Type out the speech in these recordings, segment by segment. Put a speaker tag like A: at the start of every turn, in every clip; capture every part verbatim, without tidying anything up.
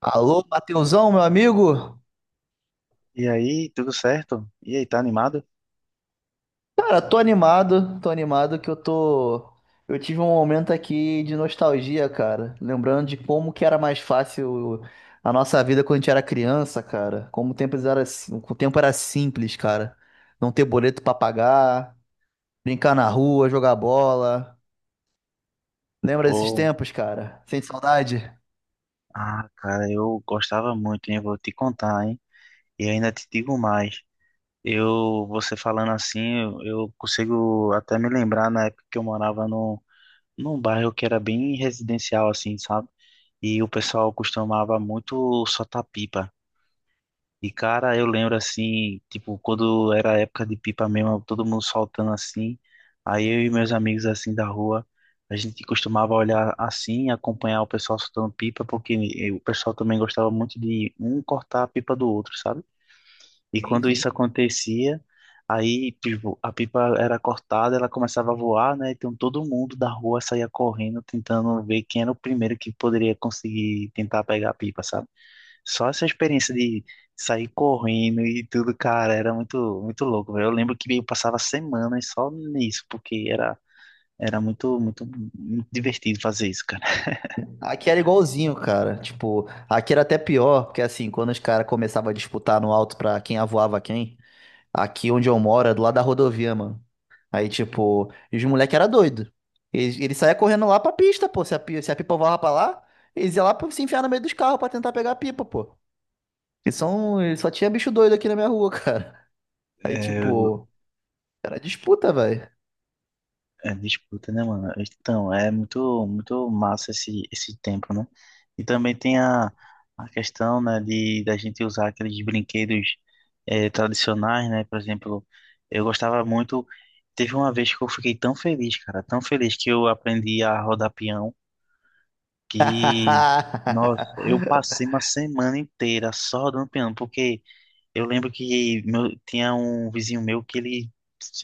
A: Alô, Matheusão, meu amigo?
B: E aí, tudo certo? E aí, tá animado?
A: Cara, tô animado, tô animado que eu tô. Eu tive um momento aqui de nostalgia, cara. Lembrando de como que era mais fácil a nossa vida quando a gente era criança, cara. Como o tempo era, sim- o tempo era simples, cara. Não ter boleto pra pagar, brincar na rua, jogar bola. Lembra desses
B: Pô,
A: tempos, cara? Sente saudade?
B: ah, cara, eu gostava muito, hein? Eu vou te contar, hein? E ainda te digo mais. Eu, você falando assim, eu, eu consigo até me lembrar na época que eu morava no, num bairro que era bem residencial, assim, sabe? E o pessoal costumava muito soltar pipa. E cara, eu lembro assim, tipo, quando era a época de pipa mesmo, todo mundo soltando assim. Aí eu e meus amigos assim da rua, a gente costumava olhar assim, acompanhar o pessoal soltando pipa, porque eh, o pessoal também gostava muito de um cortar a pipa do outro, sabe? E
A: Sim,
B: quando isso
A: sim.
B: acontecia, aí, tipo, a pipa era cortada, ela começava a voar, né? Então todo mundo da rua saía correndo, tentando ver quem era o primeiro que poderia conseguir tentar pegar a pipa, sabe? Só essa experiência de sair correndo e tudo, cara, era muito, muito louco, velho. Eu lembro que eu passava semanas só nisso, porque era, era muito, muito, muito divertido fazer isso, cara.
A: Aqui era igualzinho, cara. Tipo, aqui era até pior, porque assim, quando os caras começavam a disputar no alto pra quem avoava quem. Aqui onde eu moro, é do lado da rodovia, mano. Aí, tipo, e os moleques era doido. Eles, eles saía correndo lá pra pista, pô. Se a, pi- se a pipa voava pra lá, eles iam lá pra se enfiar no meio dos carros pra tentar pegar a pipa, pô. E são, e só tinha bicho doido aqui na minha rua, cara. Aí,
B: É,
A: tipo, era disputa, velho.
B: é disputa, né, mano? Então, é muito, muito massa esse, esse tempo, né? E também tem a, a questão, né, de da gente usar aqueles brinquedos eh, tradicionais, né? Por exemplo, eu gostava muito. Teve uma vez que eu fiquei tão feliz, cara, tão feliz que eu aprendi a rodar peão. que, Nossa, eu passei uma semana inteira só dando piano, porque eu lembro que meu- tinha um vizinho meu que ele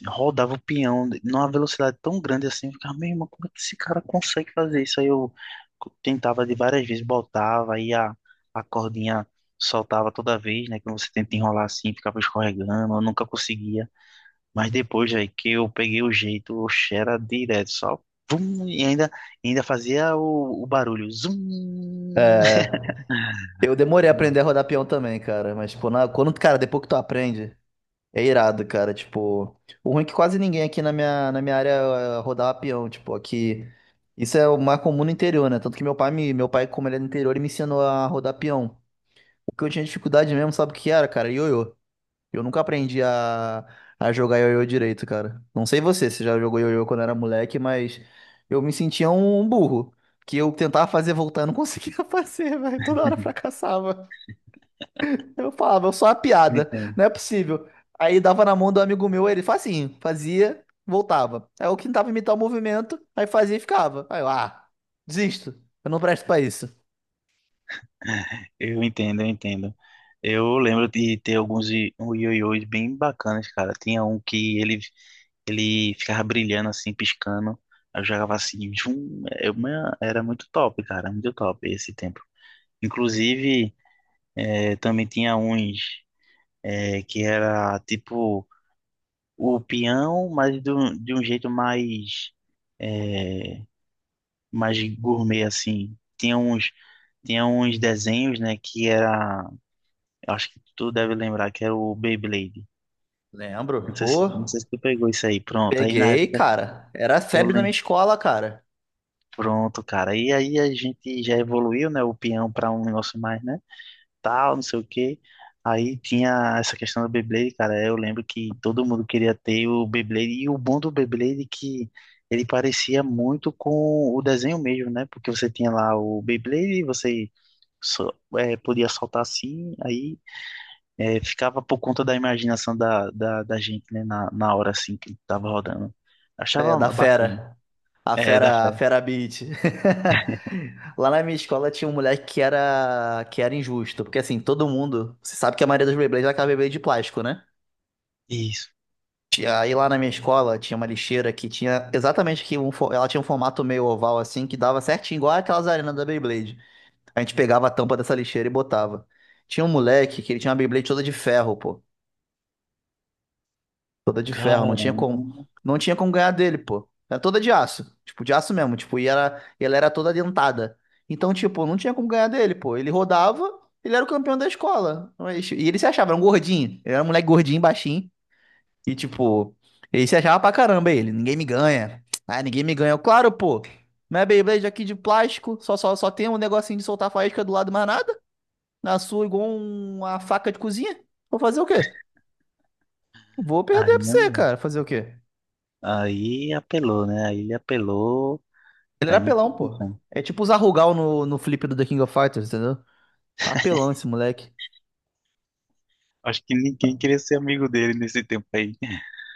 B: rodava o peão numa velocidade tão grande assim, eu ficava, meu irmão, como é que esse cara consegue fazer isso? Aí eu co- tentava de várias vezes, botava, aí a, a cordinha soltava toda vez, né, que você tenta enrolar assim, ficava escorregando, eu nunca conseguia. Mas depois, velho, que eu peguei o jeito, o era direto, só. Vum, e ainda, ainda fazia o, o barulho. Zum!
A: Eu demorei a
B: Não,
A: aprender a rodar peão também, cara. Mas, tipo, na- quando, cara, depois que tu aprende. É irado, cara. Tipo, o ruim é que quase ninguém aqui na minha, na minha área eh, rodava peão. Tipo, aqui. Isso é o mais comum no interior, né? Tanto que meu pai, me, meu pai, como ele é do interior, ele me ensinou a rodar peão. O que eu tinha dificuldade mesmo, sabe o que era, cara? Ioiô. Eu nunca aprendi a, a jogar ioiô direito, cara. Não sei você, se já jogou ioiô quando era moleque, mas eu me sentia um um burro. Que eu tentava fazer voltar, eu não conseguia fazer, velho. Toda hora fracassava. Eu falava, eu sou uma
B: eu
A: piada,
B: entendo.
A: não é possível. Aí dava na mão do amigo meu, ele fazia, assim, fazia, voltava. Aí eu tentava imitar o movimento, aí fazia e ficava. Aí eu, ah, desisto, eu não presto pra isso.
B: Eu entendo, eu entendo. Eu lembro de ter alguns i- um ioiôs bem bacanas, cara. Tinha um que ele, ele ficava brilhando assim, piscando. Aí eu jogava assim, zum, eu, man, era muito top, cara, muito top esse tempo. Inclusive, eh, também tinha uns eh, que era tipo. O peão, mas de um, de um jeito mais, é, mais gourmet, assim. Tinha uns, tinha uns desenhos, né, que era, eu acho que tu deve lembrar, que era o Beyblade. Não
A: Lembro,
B: sei se, não
A: ô,
B: sei se tu pegou isso aí, pronto. Aí na
A: peguei,
B: época
A: cara. Era
B: eu
A: febre na minha
B: lembro,
A: escola, cara.
B: pronto, cara. E aí a gente já evoluiu, né, o peão para um negócio mais, né? Tal, não sei o quê. Aí tinha essa questão do Beyblade, cara. Eu lembro que todo mundo queria ter o Beyblade. E o bom do Beyblade é que ele parecia muito com o desenho mesmo, né? Porque você tinha lá o Beyblade, você só, é, podia soltar assim, aí eh, ficava por conta da imaginação da, da, da gente, né? Na, na hora assim que tava rodando.
A: É,
B: Achava
A: da
B: bacana.
A: fera. A
B: É, da
A: fera, a
B: fé.
A: fera beat. Lá na minha escola tinha um moleque que era, que era injusto, porque assim, todo mundo, você sabe que a maioria dos Beyblades é aquela Beyblade de plástico, né?
B: Isso.
A: Tinha- Aí lá na minha escola tinha uma lixeira que tinha exatamente que um, fo- ela tinha um formato meio oval assim que dava certinho, igual aquelas arenas da Beyblade. A gente pegava a tampa dessa lixeira e botava. Tinha um moleque que ele tinha uma Beyblade toda de ferro, pô. Toda de ferro, não tinha como,
B: Caramba.
A: não tinha como ganhar dele, pô. Era toda de aço, tipo de aço mesmo, tipo, e era, e ela era toda dentada. Então, tipo, não tinha como ganhar dele, pô. Ele rodava, ele era o campeão da escola. Mas- E ele se achava, era um gordinho. Ele era um moleque gordinho, baixinho. E tipo, ele se achava pra caramba ele. Ninguém me ganha. Ah, ninguém me ganha. Eu, claro, pô. Minha Beyblade aqui de plástico, só, só, só tem um negocinho de soltar faísca do lado, mais nada. Na sua, igual um, uma faca de cozinha. Vou fazer o quê? Vou
B: Aí,
A: perder pra você,
B: não.
A: cara. Fazer o quê?
B: Aí apelou, né? Aí ele apelou.
A: Ele era
B: Aí não tem
A: apelão, pô.
B: condição.
A: É tipo usar Rugal no, no flip do The King of Fighters, entendeu? Apelão esse moleque.
B: Acho que ninguém queria ser amigo dele nesse tempo aí.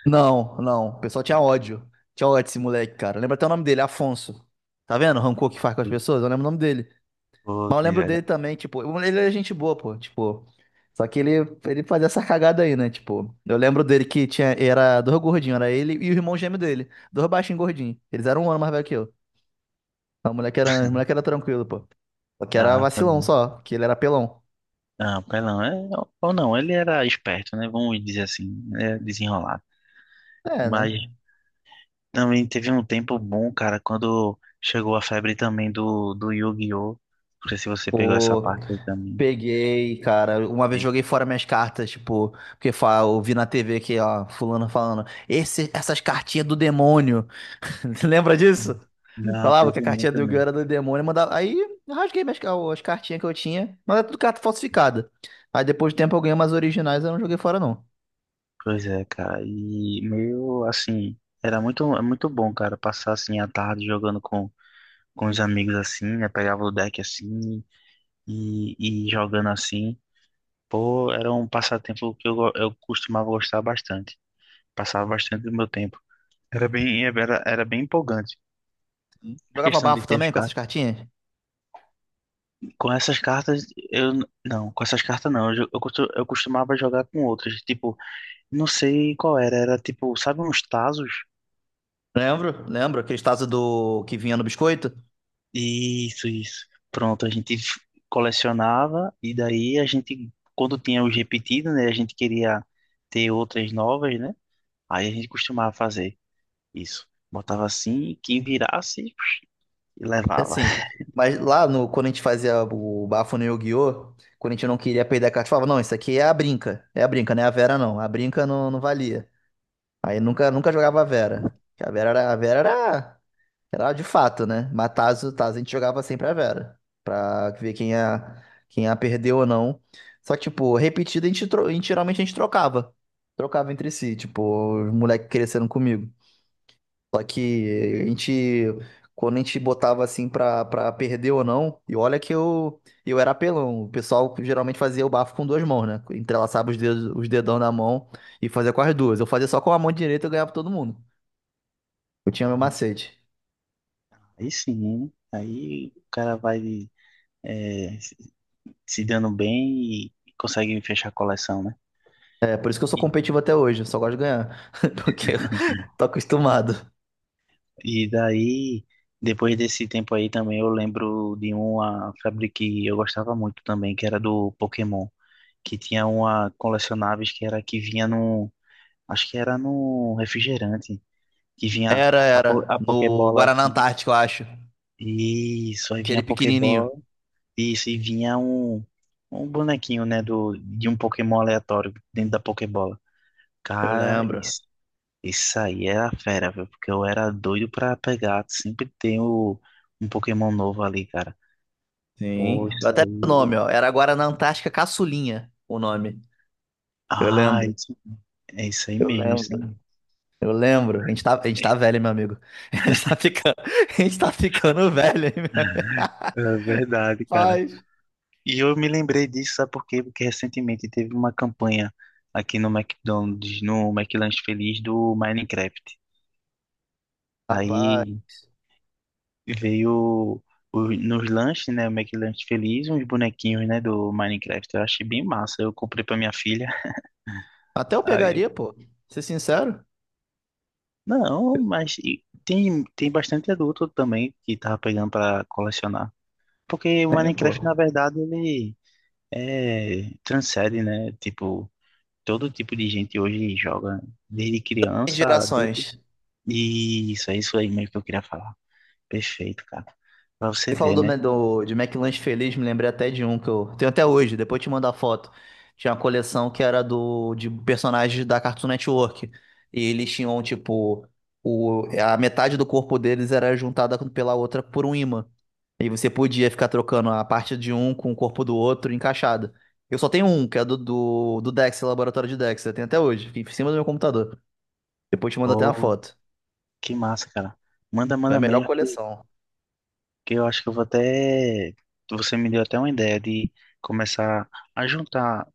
A: Não, não. O pessoal tinha ódio. Tinha ódio desse moleque, cara. Lembra até o nome dele, Afonso. Tá vendo o rancor que faz com as
B: E,
A: pessoas? Eu lembro o nome dele.
B: pô,
A: Mas eu lembro dele
B: velho.
A: também, tipo, ele é gente boa, pô, tipo. Só que ele, ele fazia essa cagada aí, né? Tipo, eu lembro dele que tinha, era dois gordinhos, era ele e o irmão gêmeo dele. Dois baixinhos gordinhos. Eles eram um ano mais velho que eu. Então, o moleque era, o moleque era tranquilo, pô. Só que era
B: Ah, tá
A: vacilão
B: bem.
A: só, que ele era pelão.
B: Ah, pelão, é, ou não, ele era esperto, né? Vamos dizer assim, é desenrolado.
A: É,
B: Mas
A: né?
B: também teve um tempo bom, cara, quando chegou a febre também do, do Yu-Gi-Oh! Não sei se você pegou essa
A: Pô,
B: parte aí também.
A: peguei, cara. Uma vez
B: E-
A: joguei fora minhas cartas, tipo, porque fa- eu vi na T V que, ó, fulano falando, esse, essas cartinhas do demônio. Lembra disso?
B: não,
A: Falava que a
B: teve
A: cartinha do
B: muito
A: Yu-Gi-Oh!
B: mesmo.
A: Era do demônio, mandava. Aí eu rasguei minhas, ca- as cartinhas que eu tinha, mas era tudo carta falsificada. Aí depois de tempo eu ganhei umas originais, eu não joguei fora, não.
B: Pois é, cara. E meio assim, era muito, muito bom, cara, passar assim a tarde jogando com com os amigos assim, né? Pegava o deck assim e, e jogando assim. Pô, era um passatempo que eu, go- eu costumava gostar bastante. Passava bastante do meu tempo. Era bem, era, era bem empolgante a
A: Jogava
B: questão de
A: bafo
B: ter as
A: também com essas
B: cartas.
A: cartinhas?
B: Com essas cartas, eu. n- não, com essas cartas não. Eu, jo- eu, costu- eu costumava jogar com outras. Tipo, não sei qual era. Era tipo, sabe, uns tazos?
A: Lembro, lembro, aqueles tazos do que vinha no biscoito.
B: Isso, isso. Pronto, a gente f- colecionava e daí a gente, quando tinha os repetidos, né, a gente queria ter outras novas, né? Aí a gente costumava fazer isso. Botava assim, quem virasse,
A: É
B: levava.
A: assim. Mas lá no, quando a gente fazia o bafo no Yu-Gi-Oh! Quando a gente não queria perder a carta, falava, não, isso aqui é a brinca. É a brinca, não é a Vera, não. A brinca não, não valia. Aí nunca, nunca jogava a Vera. Porque A Vera era, a Vera era era de fato, né? Mas Tazo, Tazo a gente jogava sempre a Vera. Pra ver quem a, quem a perdeu ou não. Só que, tipo, repetida a gente, tro- a gente geralmente a gente trocava. Trocava entre si, tipo, os moleques cresceram comigo. Só que a gente, quando a gente botava assim pra, pra perder ou não, e olha que eu, eu era apelão. O pessoal geralmente fazia o bafo com duas mãos, né? Entrelaçava os dedos, os dedão da mão e fazia com as duas. Eu fazia só com a mão direita e eu ganhava todo mundo. Eu tinha meu macete.
B: Aí sim, aí o cara vai eh, se se dando bem e consegue fechar a coleção, né?
A: É por isso que eu sou
B: E,
A: competitivo até hoje, eu só gosto de ganhar. Porque eu tô acostumado.
B: e daí, depois desse tempo aí também, eu lembro de uma febre que eu gostava muito também, que era do Pokémon. Que tinha uma colecionáveis que era que vinha no, acho que era no refrigerante, que vinha
A: Era,
B: a, po-
A: era.
B: a
A: No
B: Pokébola
A: Guaraná
B: assim.
A: Antártico, eu acho.
B: Isso, aí vinha
A: Aquele
B: a
A: pequenininho.
B: Pokébola, isso, e vinha um, um bonequinho, né, do, de um Pokémon aleatório dentro da Pokébola.
A: Eu
B: Cara,
A: lembro.
B: isso, isso aí era fera, viu? Porque eu era doido pra pegar, sempre tem o, um Pokémon novo ali, cara.
A: Sim.
B: Pô,
A: Eu
B: isso
A: até lembro o
B: aí.
A: nome, ó. Era Guaraná Antártica Caçulinha, o nome. Eu
B: Ah,
A: lembro.
B: isso, é isso aí
A: Eu
B: mesmo, isso aí.
A: lembro. Eu lembro. A gente tá, a gente tá velho, hein, meu amigo. A gente tá ficando, a gente tá ficando velho, hein, meu amigo.
B: É verdade, cara.
A: Rapaz.
B: E eu me lembrei disso, sabe por quê? Porque recentemente teve uma campanha aqui no McDonald's, no McLanche Feliz do Minecraft.
A: Rapaz.
B: Aí veio o- nos lanches, né, o McLanche Feliz, uns bonequinhos, né, do Minecraft. Eu achei bem massa. Eu comprei pra minha filha.
A: Até eu
B: Aí eu,
A: pegaria, pô. Ser sincero.
B: não, mas e- tem, tem bastante adulto também que tava pegando pra colecionar. Porque o
A: Tem,
B: Minecraft,
A: pô.
B: na verdade, ele é, transcende, né, tipo todo tipo de gente hoje joga, desde
A: Tem
B: criança, adulto.
A: gerações.
B: E isso, é isso aí mesmo que eu queria falar. Perfeito, cara. Pra você
A: Você falou
B: ver,
A: do,
B: né?
A: do, de McLanche Feliz, me lembrei até de um que eu tenho até hoje, depois eu te mando a foto. Tinha uma coleção que era do, de personagens da Cartoon Network. E eles tinham, tipo, o, a metade do corpo deles era juntada com- pela outra por um ímã. E você podia ficar trocando a parte de um com o corpo do outro encaixada. Eu só tenho um, que é do, do, do Dexter, Laboratório de Dexter. Eu tenho até hoje, fica em cima do meu computador. Depois eu te mando até uma
B: Pô,
A: foto.
B: que massa, cara. Manda,
A: Foi a
B: manda
A: melhor
B: mesmo que,
A: coleção.
B: que eu acho que eu vou até. Você me deu até uma ideia de começar a juntar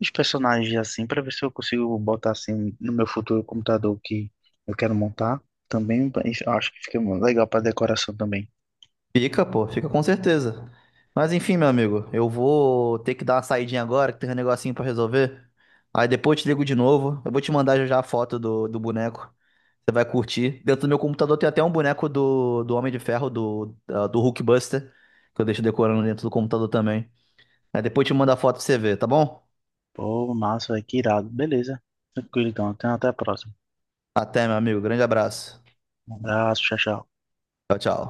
B: os personagens assim, pra ver se eu consigo botar assim no meu futuro computador que eu quero montar. Também pra- eu acho que fica legal pra decoração também.
A: Fica, pô, fica com certeza. Mas enfim, meu amigo, eu vou ter que dar uma saidinha agora, que tem um negocinho pra resolver. Aí depois eu te ligo de novo. Eu vou te mandar já já a foto do, do boneco. Você vai curtir. Dentro do meu computador tem até um boneco do, do Homem de Ferro, do, da- do Hulkbuster, que eu deixo decorando dentro do computador também. Aí depois eu te mando a foto pra você ver, tá bom?
B: Pô, massa, véi, que irado. Beleza. Tranquilo, então. Até até a próxima.
A: Até, meu amigo. Grande abraço.
B: Um abraço, tchau, tchau.
A: Tchau, tchau.